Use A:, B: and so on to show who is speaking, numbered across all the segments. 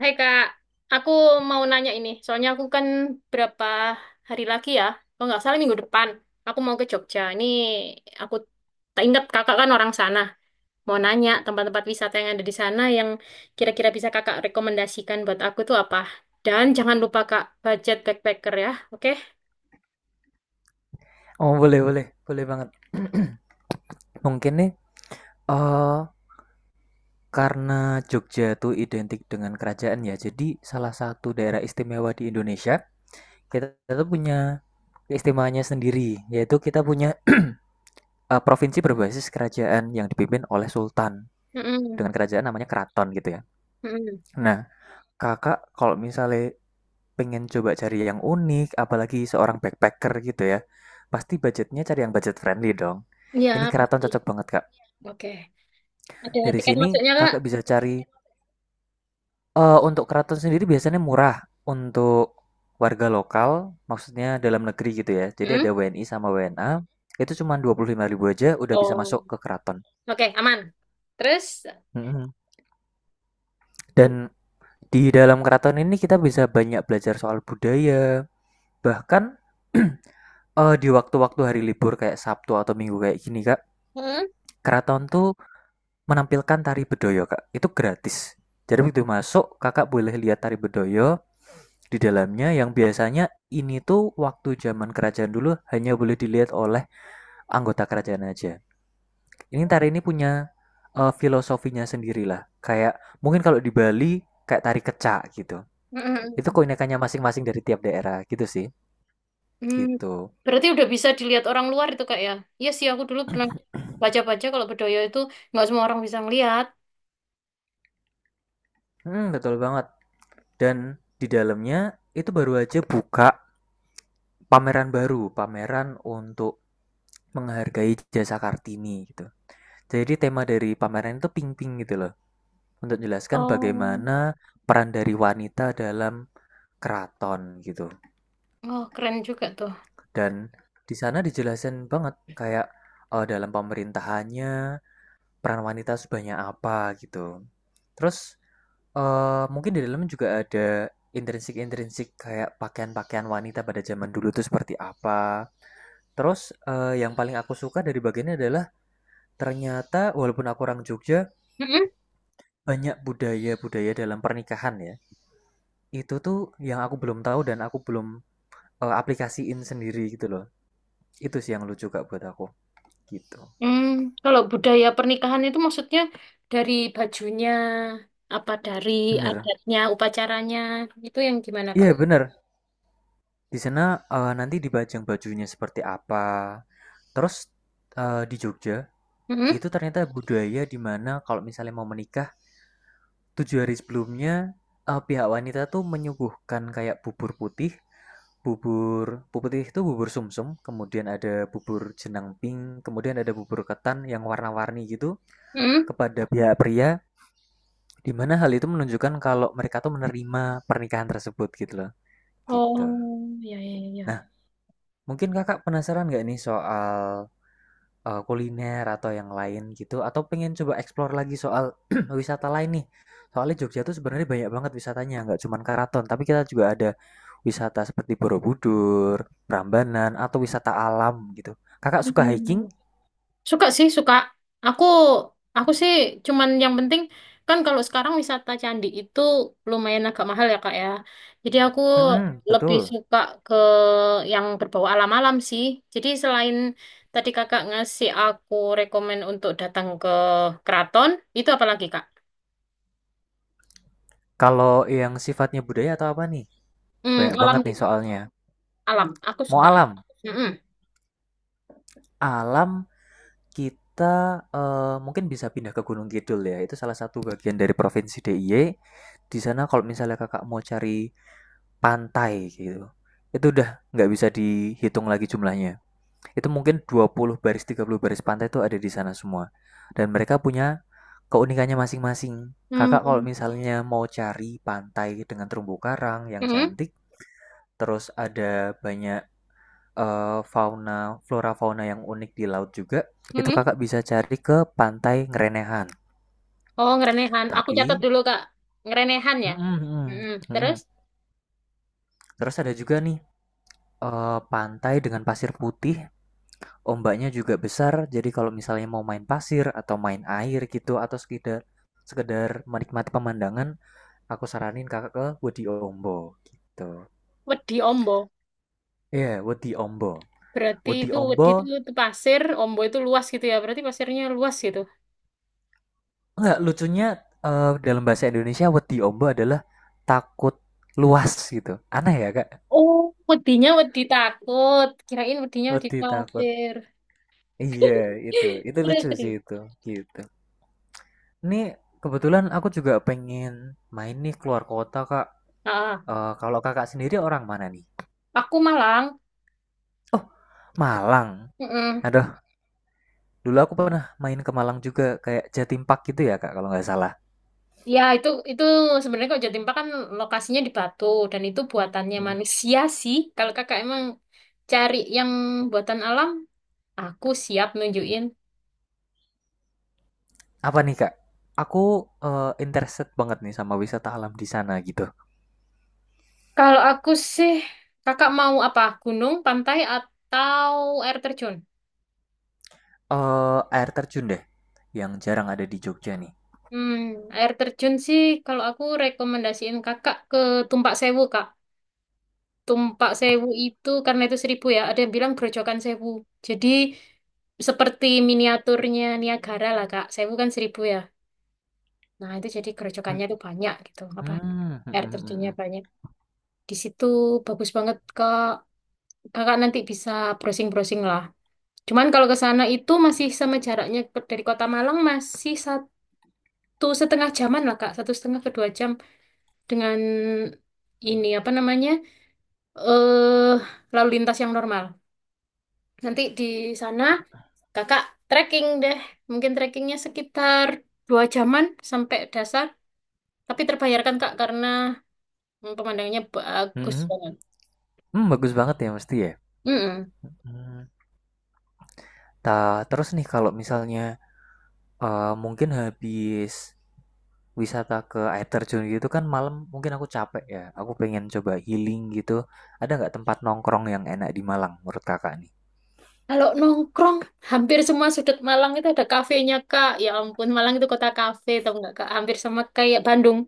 A: Hai Kak, aku mau nanya ini. Soalnya aku kan berapa hari lagi ya, kalau nggak salah minggu depan, aku mau ke Jogja. Ini aku tak ingat kakak kan orang sana. Mau nanya tempat-tempat wisata yang ada di sana yang kira-kira bisa kakak rekomendasikan buat aku tuh apa. Dan jangan lupa Kak, budget backpacker ya, oke?
B: Oh, boleh boleh boleh banget. Mungkin nih eh karena Jogja tuh identik dengan kerajaan ya. Jadi salah satu daerah istimewa di Indonesia kita tuh punya keistimewaannya sendiri. Yaitu kita punya provinsi berbasis kerajaan yang dipimpin oleh Sultan
A: Mm-mm.
B: dengan kerajaan namanya keraton gitu ya.
A: Mm-mm.
B: Nah, kakak kalau misalnya pengen coba cari yang unik, apalagi seorang backpacker gitu ya, pasti budgetnya cari yang budget friendly dong.
A: Iya,
B: Ini keraton
A: pasti.
B: cocok banget kak.
A: Oke. Ada
B: Dari
A: tiket
B: sini
A: masuknya Kak?
B: kakak bisa cari. Untuk keraton sendiri biasanya murah untuk warga lokal, maksudnya dalam negeri gitu ya. Jadi ada
A: Mm?
B: WNI sama WNA, itu cuma 25.000 aja udah bisa
A: Oh,
B: masuk ke keraton.
A: oke, aman. Terus?
B: Mhm,
A: Mm.
B: dan di dalam keraton ini kita bisa banyak belajar soal budaya, bahkan, di waktu-waktu hari libur kayak Sabtu atau Minggu kayak gini, Kak,
A: Mm.
B: keraton tuh menampilkan tari Bedoyo, Kak, itu gratis. Jadi begitu masuk Kakak boleh lihat tari Bedoyo, di dalamnya yang biasanya ini tuh waktu zaman kerajaan dulu hanya boleh dilihat oleh anggota kerajaan aja. Ini tari ini punya filosofinya sendirilah. Kayak mungkin kalau di Bali kayak tari kecak gitu. Itu
A: Mm-mm.
B: keunikannya masing-masing dari tiap daerah gitu sih.
A: Hmm,
B: Gitu.
A: berarti udah bisa dilihat orang luar itu kak ya? Iya sih aku dulu pernah baca-baca kalau Bedoyo itu nggak semua orang bisa ngelihat.
B: Hmm, betul banget. Dan di dalamnya itu baru aja buka pameran baru, pameran untuk menghargai jasa Kartini gitu. Jadi tema dari pameran itu ping-ping gitu loh, untuk jelaskan
A: Oh,
B: bagaimana peran dari wanita dalam keraton gitu.
A: oh keren juga tuh.
B: Dan di sana dijelasin banget kayak dalam pemerintahannya peran wanita sebanyak apa gitu. Terus mungkin di dalamnya juga ada intrinsik-intrinsik kayak pakaian-pakaian wanita pada zaman dulu itu seperti apa. Terus yang paling aku suka dari bagiannya adalah ternyata walaupun aku orang Jogja,
A: Mm-mm.
B: banyak budaya-budaya dalam pernikahan ya. Itu tuh yang aku belum tahu dan aku belum aplikasiin sendiri gitu loh. Itu sih yang lucu kak buat aku gitu.
A: Hmm, kalau budaya pernikahan itu maksudnya dari bajunya, apa dari
B: Bener.
A: adatnya, upacaranya, itu yang gimana kak?
B: Iya bener. Di sana nanti dibajang bajunya seperti apa. Terus di Jogja
A: Mm-mm.
B: itu ternyata budaya di mana kalau misalnya mau menikah, 7 hari sebelumnya pihak wanita tuh menyuguhkan kayak bubur putih, bubur bubur putih itu bubur sumsum, kemudian ada bubur jenang pink, kemudian ada bubur ketan yang warna-warni gitu
A: Mm-mm.
B: kepada pihak pria. Di mana hal itu menunjukkan kalau mereka tuh menerima pernikahan tersebut gitu loh, gitu.
A: Oh, ya ya ya.
B: Nah, mungkin Kakak penasaran nggak nih soal, kuliner atau yang lain gitu atau pengen coba explore lagi soal wisata lain nih? Soalnya Jogja tuh sebenarnya banyak banget wisatanya, nggak cuma keraton, tapi kita juga ada wisata seperti Borobudur, Prambanan, atau wisata alam gitu. Kakak suka
A: Iya.
B: hiking?
A: Suka sih, suka. Aku aku sih cuman yang penting kan kalau sekarang wisata candi itu lumayan agak mahal ya Kak ya. Jadi aku
B: Mhm,
A: lebih
B: betul.
A: suka ke yang berbau alam-alam sih. Jadi selain tadi Kakak ngasih aku rekomen untuk datang ke keraton, itu apa lagi Kak?
B: Kalau yang sifatnya budaya atau apa nih?
A: Hmm,
B: Banyak
A: alam
B: banget nih soalnya.
A: alam. Aku
B: Mau
A: suka.
B: alam?
A: Mm-mm.
B: Alam. Kita mungkin bisa pindah ke Gunung Kidul ya, itu salah satu bagian dari provinsi DIY. Di sana kalau misalnya Kakak mau cari pantai gitu, itu udah nggak bisa dihitung lagi jumlahnya. Itu mungkin 20 baris, 30 baris pantai itu ada di sana semua. Dan mereka punya keunikannya masing-masing. Kakak kalau
A: Hmm,
B: misalnya mau cari pantai dengan terumbu karang yang
A: mm-mm,
B: cantik, terus ada banyak eh, fauna flora fauna yang unik di laut juga, itu
A: mm-mm.
B: kakak bisa cari ke pantai Ngerenehan,
A: Oh, ngerenehan. Aku catat
B: tapi
A: dulu Kak. Ngerenehan ya.
B: mm-mm, mm-mm,
A: Mm-mm. Terus
B: mm-mm, terus ada juga nih pantai dengan pasir putih, ombaknya juga besar, jadi kalau misalnya mau main pasir atau main air gitu atau sekedar sekedar menikmati pemandangan, aku saranin kakak ke Wedi Ombo gitu.
A: Wedi Ombo.
B: Iya, Wedi Ombo.
A: Berarti
B: Wedi
A: itu wedi
B: Ombo.
A: itu pasir, ombo itu luas gitu ya. Berarti pasirnya luas gitu.
B: Enggak, lucunya dalam bahasa Indonesia wedi ombo adalah takut luas gitu. Aneh ya, Kak?
A: Oh, wedinya wedi takut. Kirain wedinya wedi
B: Wedi takut.
A: pasir.
B: Iya, itu. Itu
A: Terus,
B: lucu sih
A: terus.
B: itu. Gitu. Ini kebetulan aku juga pengen main nih keluar kota, Kak.
A: Ah,
B: Eh, kalau Kakak sendiri orang mana nih?
A: aku Malang.
B: Oh, Malang.
A: Mm-mm.
B: Aduh, dulu aku pernah main ke Malang juga kayak Jatim Park gitu ya, Kak, kalau nggak salah.
A: Ya, itu sebenarnya kok Jatimpa kan lokasinya di Batu dan itu buatannya
B: Hmm.
A: manusia sih. Kalau kakak emang cari yang buatan alam, aku siap nunjukin.
B: Apa nih, Kak? Aku interested banget nih sama wisata alam di sana gitu.
A: Kalau aku sih, kakak mau apa? Gunung, pantai, atau air terjun?
B: Air terjun deh, yang jarang ada di Jogja nih.
A: Hmm, air terjun sih kalau aku rekomendasiin kakak ke Tumpak Sewu kak. Tumpak Sewu itu karena itu 1.000 ya, ada yang bilang Grojogan Sewu. Jadi seperti miniaturnya Niagara lah kak. Sewu kan 1.000 ya. Nah itu jadi gerojokannya tuh banyak gitu. Apa
B: Hmm, mhm
A: air
B: mhm
A: terjunnya
B: mhm,
A: banyak. Di situ bagus banget kak. Kakak nanti bisa browsing-browsing lah. Cuman kalau ke sana itu masih sama jaraknya dari Kota Malang masih 1,5 jaman lah kak. 1,5 ke 2 jam dengan ini apa namanya eh lalu lintas yang normal. Nanti di sana kakak trekking deh, mungkin trekkingnya sekitar 2 jaman sampai dasar, tapi terbayarkan kak karena pemandangannya bagus
B: mhm,
A: banget.
B: mmm, bagus banget ya mesti ya?
A: Mm-mm.
B: Mhm. Ta Terus nih kalau misalnya, mungkin habis wisata ke air terjun gitu kan malam mungkin aku capek ya, aku pengen coba healing gitu, ada nggak tempat nongkrong yang enak di Malang menurut Kakak nih?
A: Kalau nongkrong, hampir semua sudut Malang itu ada kafenya kak. Ya ampun, Malang itu kota kafe, tau nggak kak? Hampir sama kayak Bandung.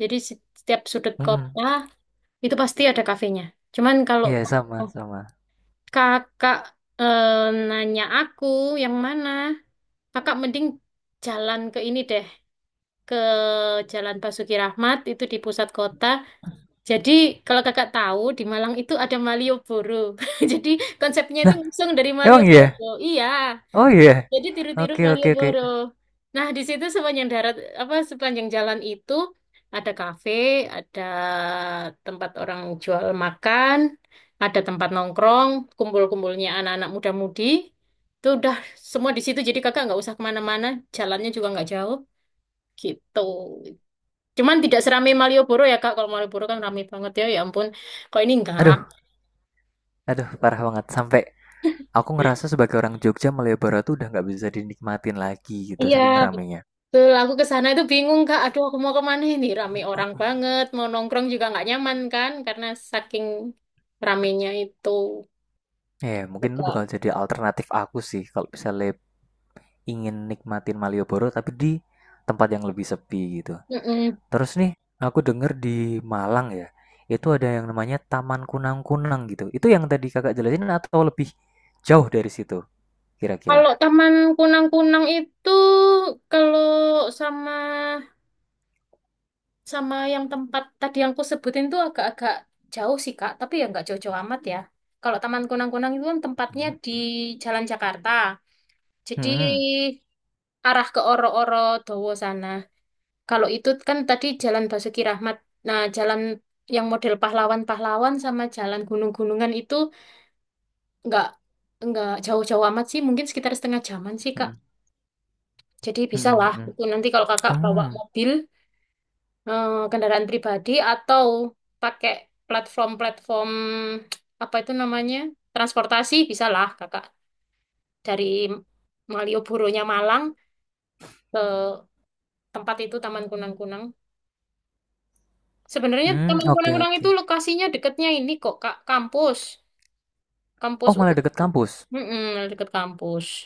A: Jadi setiap sudut
B: Hmm,
A: kota itu pasti ada kafenya. Cuman kalau
B: iya sama sama.
A: Kakak nanya aku yang mana? Kakak mending jalan ke ini deh, ke Jalan Basuki Rahmat itu di pusat kota. Jadi kalau kakak tahu di Malang itu ada Malioboro. Jadi konsepnya itu
B: Nah,
A: langsung dari
B: emang iya?
A: Malioboro. Iya.
B: Oh iya?
A: Jadi tiru-tiru
B: Oke oke oke.
A: Malioboro. Nah, di situ sepanjang darat apa sepanjang jalan itu ada kafe, ada tempat orang jual makan, ada tempat nongkrong, kumpul-kumpulnya anak-anak muda-mudi. Itu udah semua di situ. Jadi kakak nggak usah kemana-mana, jalannya juga nggak jauh gitu. Cuman tidak seramai Malioboro ya kak. Kalau Malioboro kan ramai banget ya. Ya ampun, kok ini enggak?
B: Aduh, aduh parah banget sampai aku ngerasa sebagai orang Jogja Malioboro tuh udah nggak bisa dinikmatin lagi gitu
A: Iya.
B: saking ramenya.
A: Betul, aku ke sana itu bingung Kak. Aduh, aku mau kemana ini? Rame orang banget, mau nongkrong juga nggak nyaman kan? Karena saking ramenya itu.
B: Eh, mungkin itu bakal
A: Betul.
B: jadi alternatif aku sih kalau misalnya ingin nikmatin Malioboro tapi di tempat yang lebih sepi gitu.
A: Mm-mm.
B: Terus nih, aku denger di Malang ya, itu ada yang namanya Taman Kunang-Kunang gitu. Itu yang tadi kakak jelasin atau lebih jauh dari situ
A: Kalau
B: kira-kira?
A: Taman Kunang-Kunang itu, kalau sama sama yang tempat tadi yang aku sebutin tuh agak-agak jauh sih Kak, tapi ya nggak jauh-jauh amat ya. Kalau Taman Kunang-Kunang itu kan tempatnya
B: Hmm,
A: di Jalan Jakarta, jadi
B: hmm,
A: arah ke Oro-Oro Dowo sana. Kalau itu kan tadi Jalan Basuki Rahmat. Nah, jalan yang model pahlawan-pahlawan sama jalan gunung-gunungan itu nggak nggak jauh-jauh amat sih, mungkin sekitar setengah jaman sih, Kak.
B: hmm,
A: Jadi
B: hmm,
A: bisa
B: hmm,
A: lah.
B: hmm,
A: Itu nanti kalau Kakak bawa
B: hmm,
A: mobil, kendaraan pribadi atau pakai platform-platform apa itu namanya transportasi, bisa lah Kakak dari Malioboro-nya Malang ke tempat itu Taman Kunang-Kunang. Sebenarnya
B: hmm,
A: Taman
B: oke
A: Kunang-kunang
B: oke.
A: itu lokasinya dekatnya ini kok, Kak, kampus. Kampus
B: Oh
A: u
B: malah
A: U.
B: deket kampus.
A: Mm-mm, dekat kampus.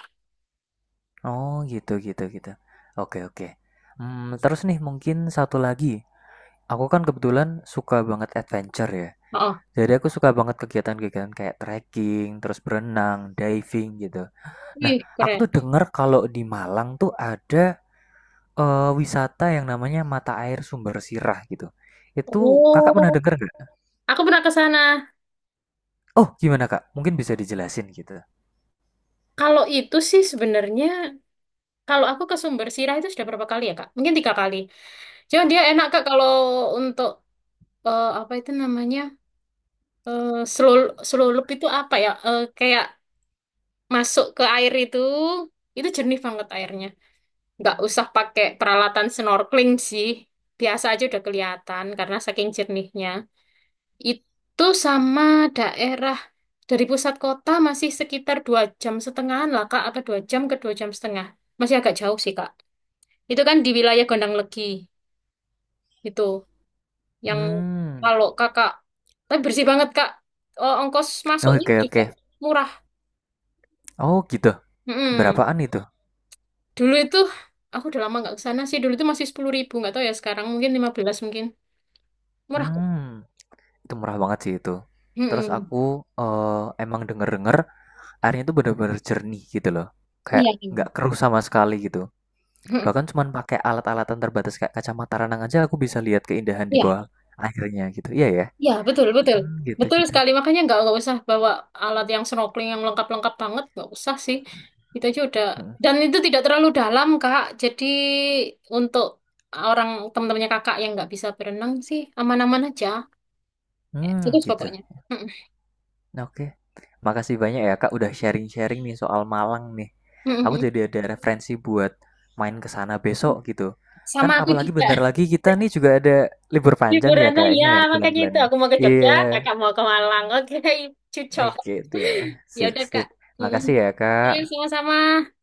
B: Oh gitu gitu gitu. Oke oke. Hmm, terus nih mungkin satu lagi. Aku kan kebetulan suka banget adventure ya.
A: Oh,
B: Jadi aku suka banget kegiatan-kegiatan kayak trekking, terus berenang, diving gitu. Nah,
A: wih,
B: aku
A: keren.
B: tuh denger kalau di Malang tuh ada wisata yang namanya mata air sumber sirah gitu. Itu kakak pernah
A: Oh,
B: denger nggak?
A: aku pernah ke sana.
B: Oh, gimana kak? Mungkin bisa dijelasin gitu.
A: Kalau itu sih sebenarnya, kalau aku ke Sumber Sirah itu sudah berapa kali ya, Kak? Mungkin 3 kali. Cuman dia enak, Kak, kalau untuk, apa itu namanya, eh selulup itu apa ya, Eh, kayak masuk ke air itu jernih banget airnya. Nggak usah pakai peralatan snorkeling sih. Biasa aja udah kelihatan karena saking jernihnya. Itu sama daerah dari pusat kota masih sekitar 2 jam setengahan lah Kak, atau 2 jam ke 2,5 jam. Masih agak jauh sih Kak. Itu kan di wilayah Gondang Legi itu. Yang
B: Hmm,
A: kalau Kakak, tapi bersih banget Kak. Oh, ongkos masuknya
B: oke
A: juga
B: oke.
A: murah.
B: Oh gitu.
A: Mm-mm.
B: Berapaan itu?
A: Dulu itu aku udah lama nggak ke sana sih. Dulu itu masih 10.000 nggak tahu ya sekarang mungkin 15 mungkin. Murah kok.
B: Hmm. Itu murah banget sih itu. Terus
A: Mm-mm.
B: aku eh, emang denger-denger airnya tuh bener-bener jernih gitu loh. Kayak
A: Iya, iya,
B: nggak keruh sama sekali gitu.
A: mm-mm,
B: Bahkan cuman pakai alat-alatan terbatas kayak kacamata renang aja aku bisa lihat keindahan di
A: iya,
B: bawah airnya gitu. Iya ya.
A: iya, betul, betul,
B: Hmm, gitu
A: betul
B: gitu.
A: sekali. Makanya nggak usah bawa alat yang snorkeling yang lengkap-lengkap banget, nggak usah sih. Itu aja udah.
B: Hmm.
A: Dan itu tidak terlalu dalam, Kak. Jadi untuk orang teman-temannya kakak yang nggak bisa berenang sih aman-aman aja. Itu
B: Hmm, gitu.
A: pokoknya. Mm-mm.
B: Nah, oke, makasih banyak ya Kak udah sharing-sharing nih soal Malang nih. Aku
A: Mm-mm.
B: jadi ada referensi buat main ke sana besok gitu. Kan
A: Sama aku
B: apalagi
A: juga
B: bentar lagi kita nih juga ada libur panjang ya
A: liburan ya,
B: kayaknya ya
A: makanya
B: bulan-bulan
A: itu
B: ini.
A: aku mau ke Jogja,
B: Iya,
A: kakak mau ke Malang. Oke, cucok.
B: oke, deal.
A: Ya
B: Sip,
A: udah, Kak.
B: sip.
A: Mm-mm.
B: Makasih ya
A: Iya,
B: Kak.
A: sama-sama.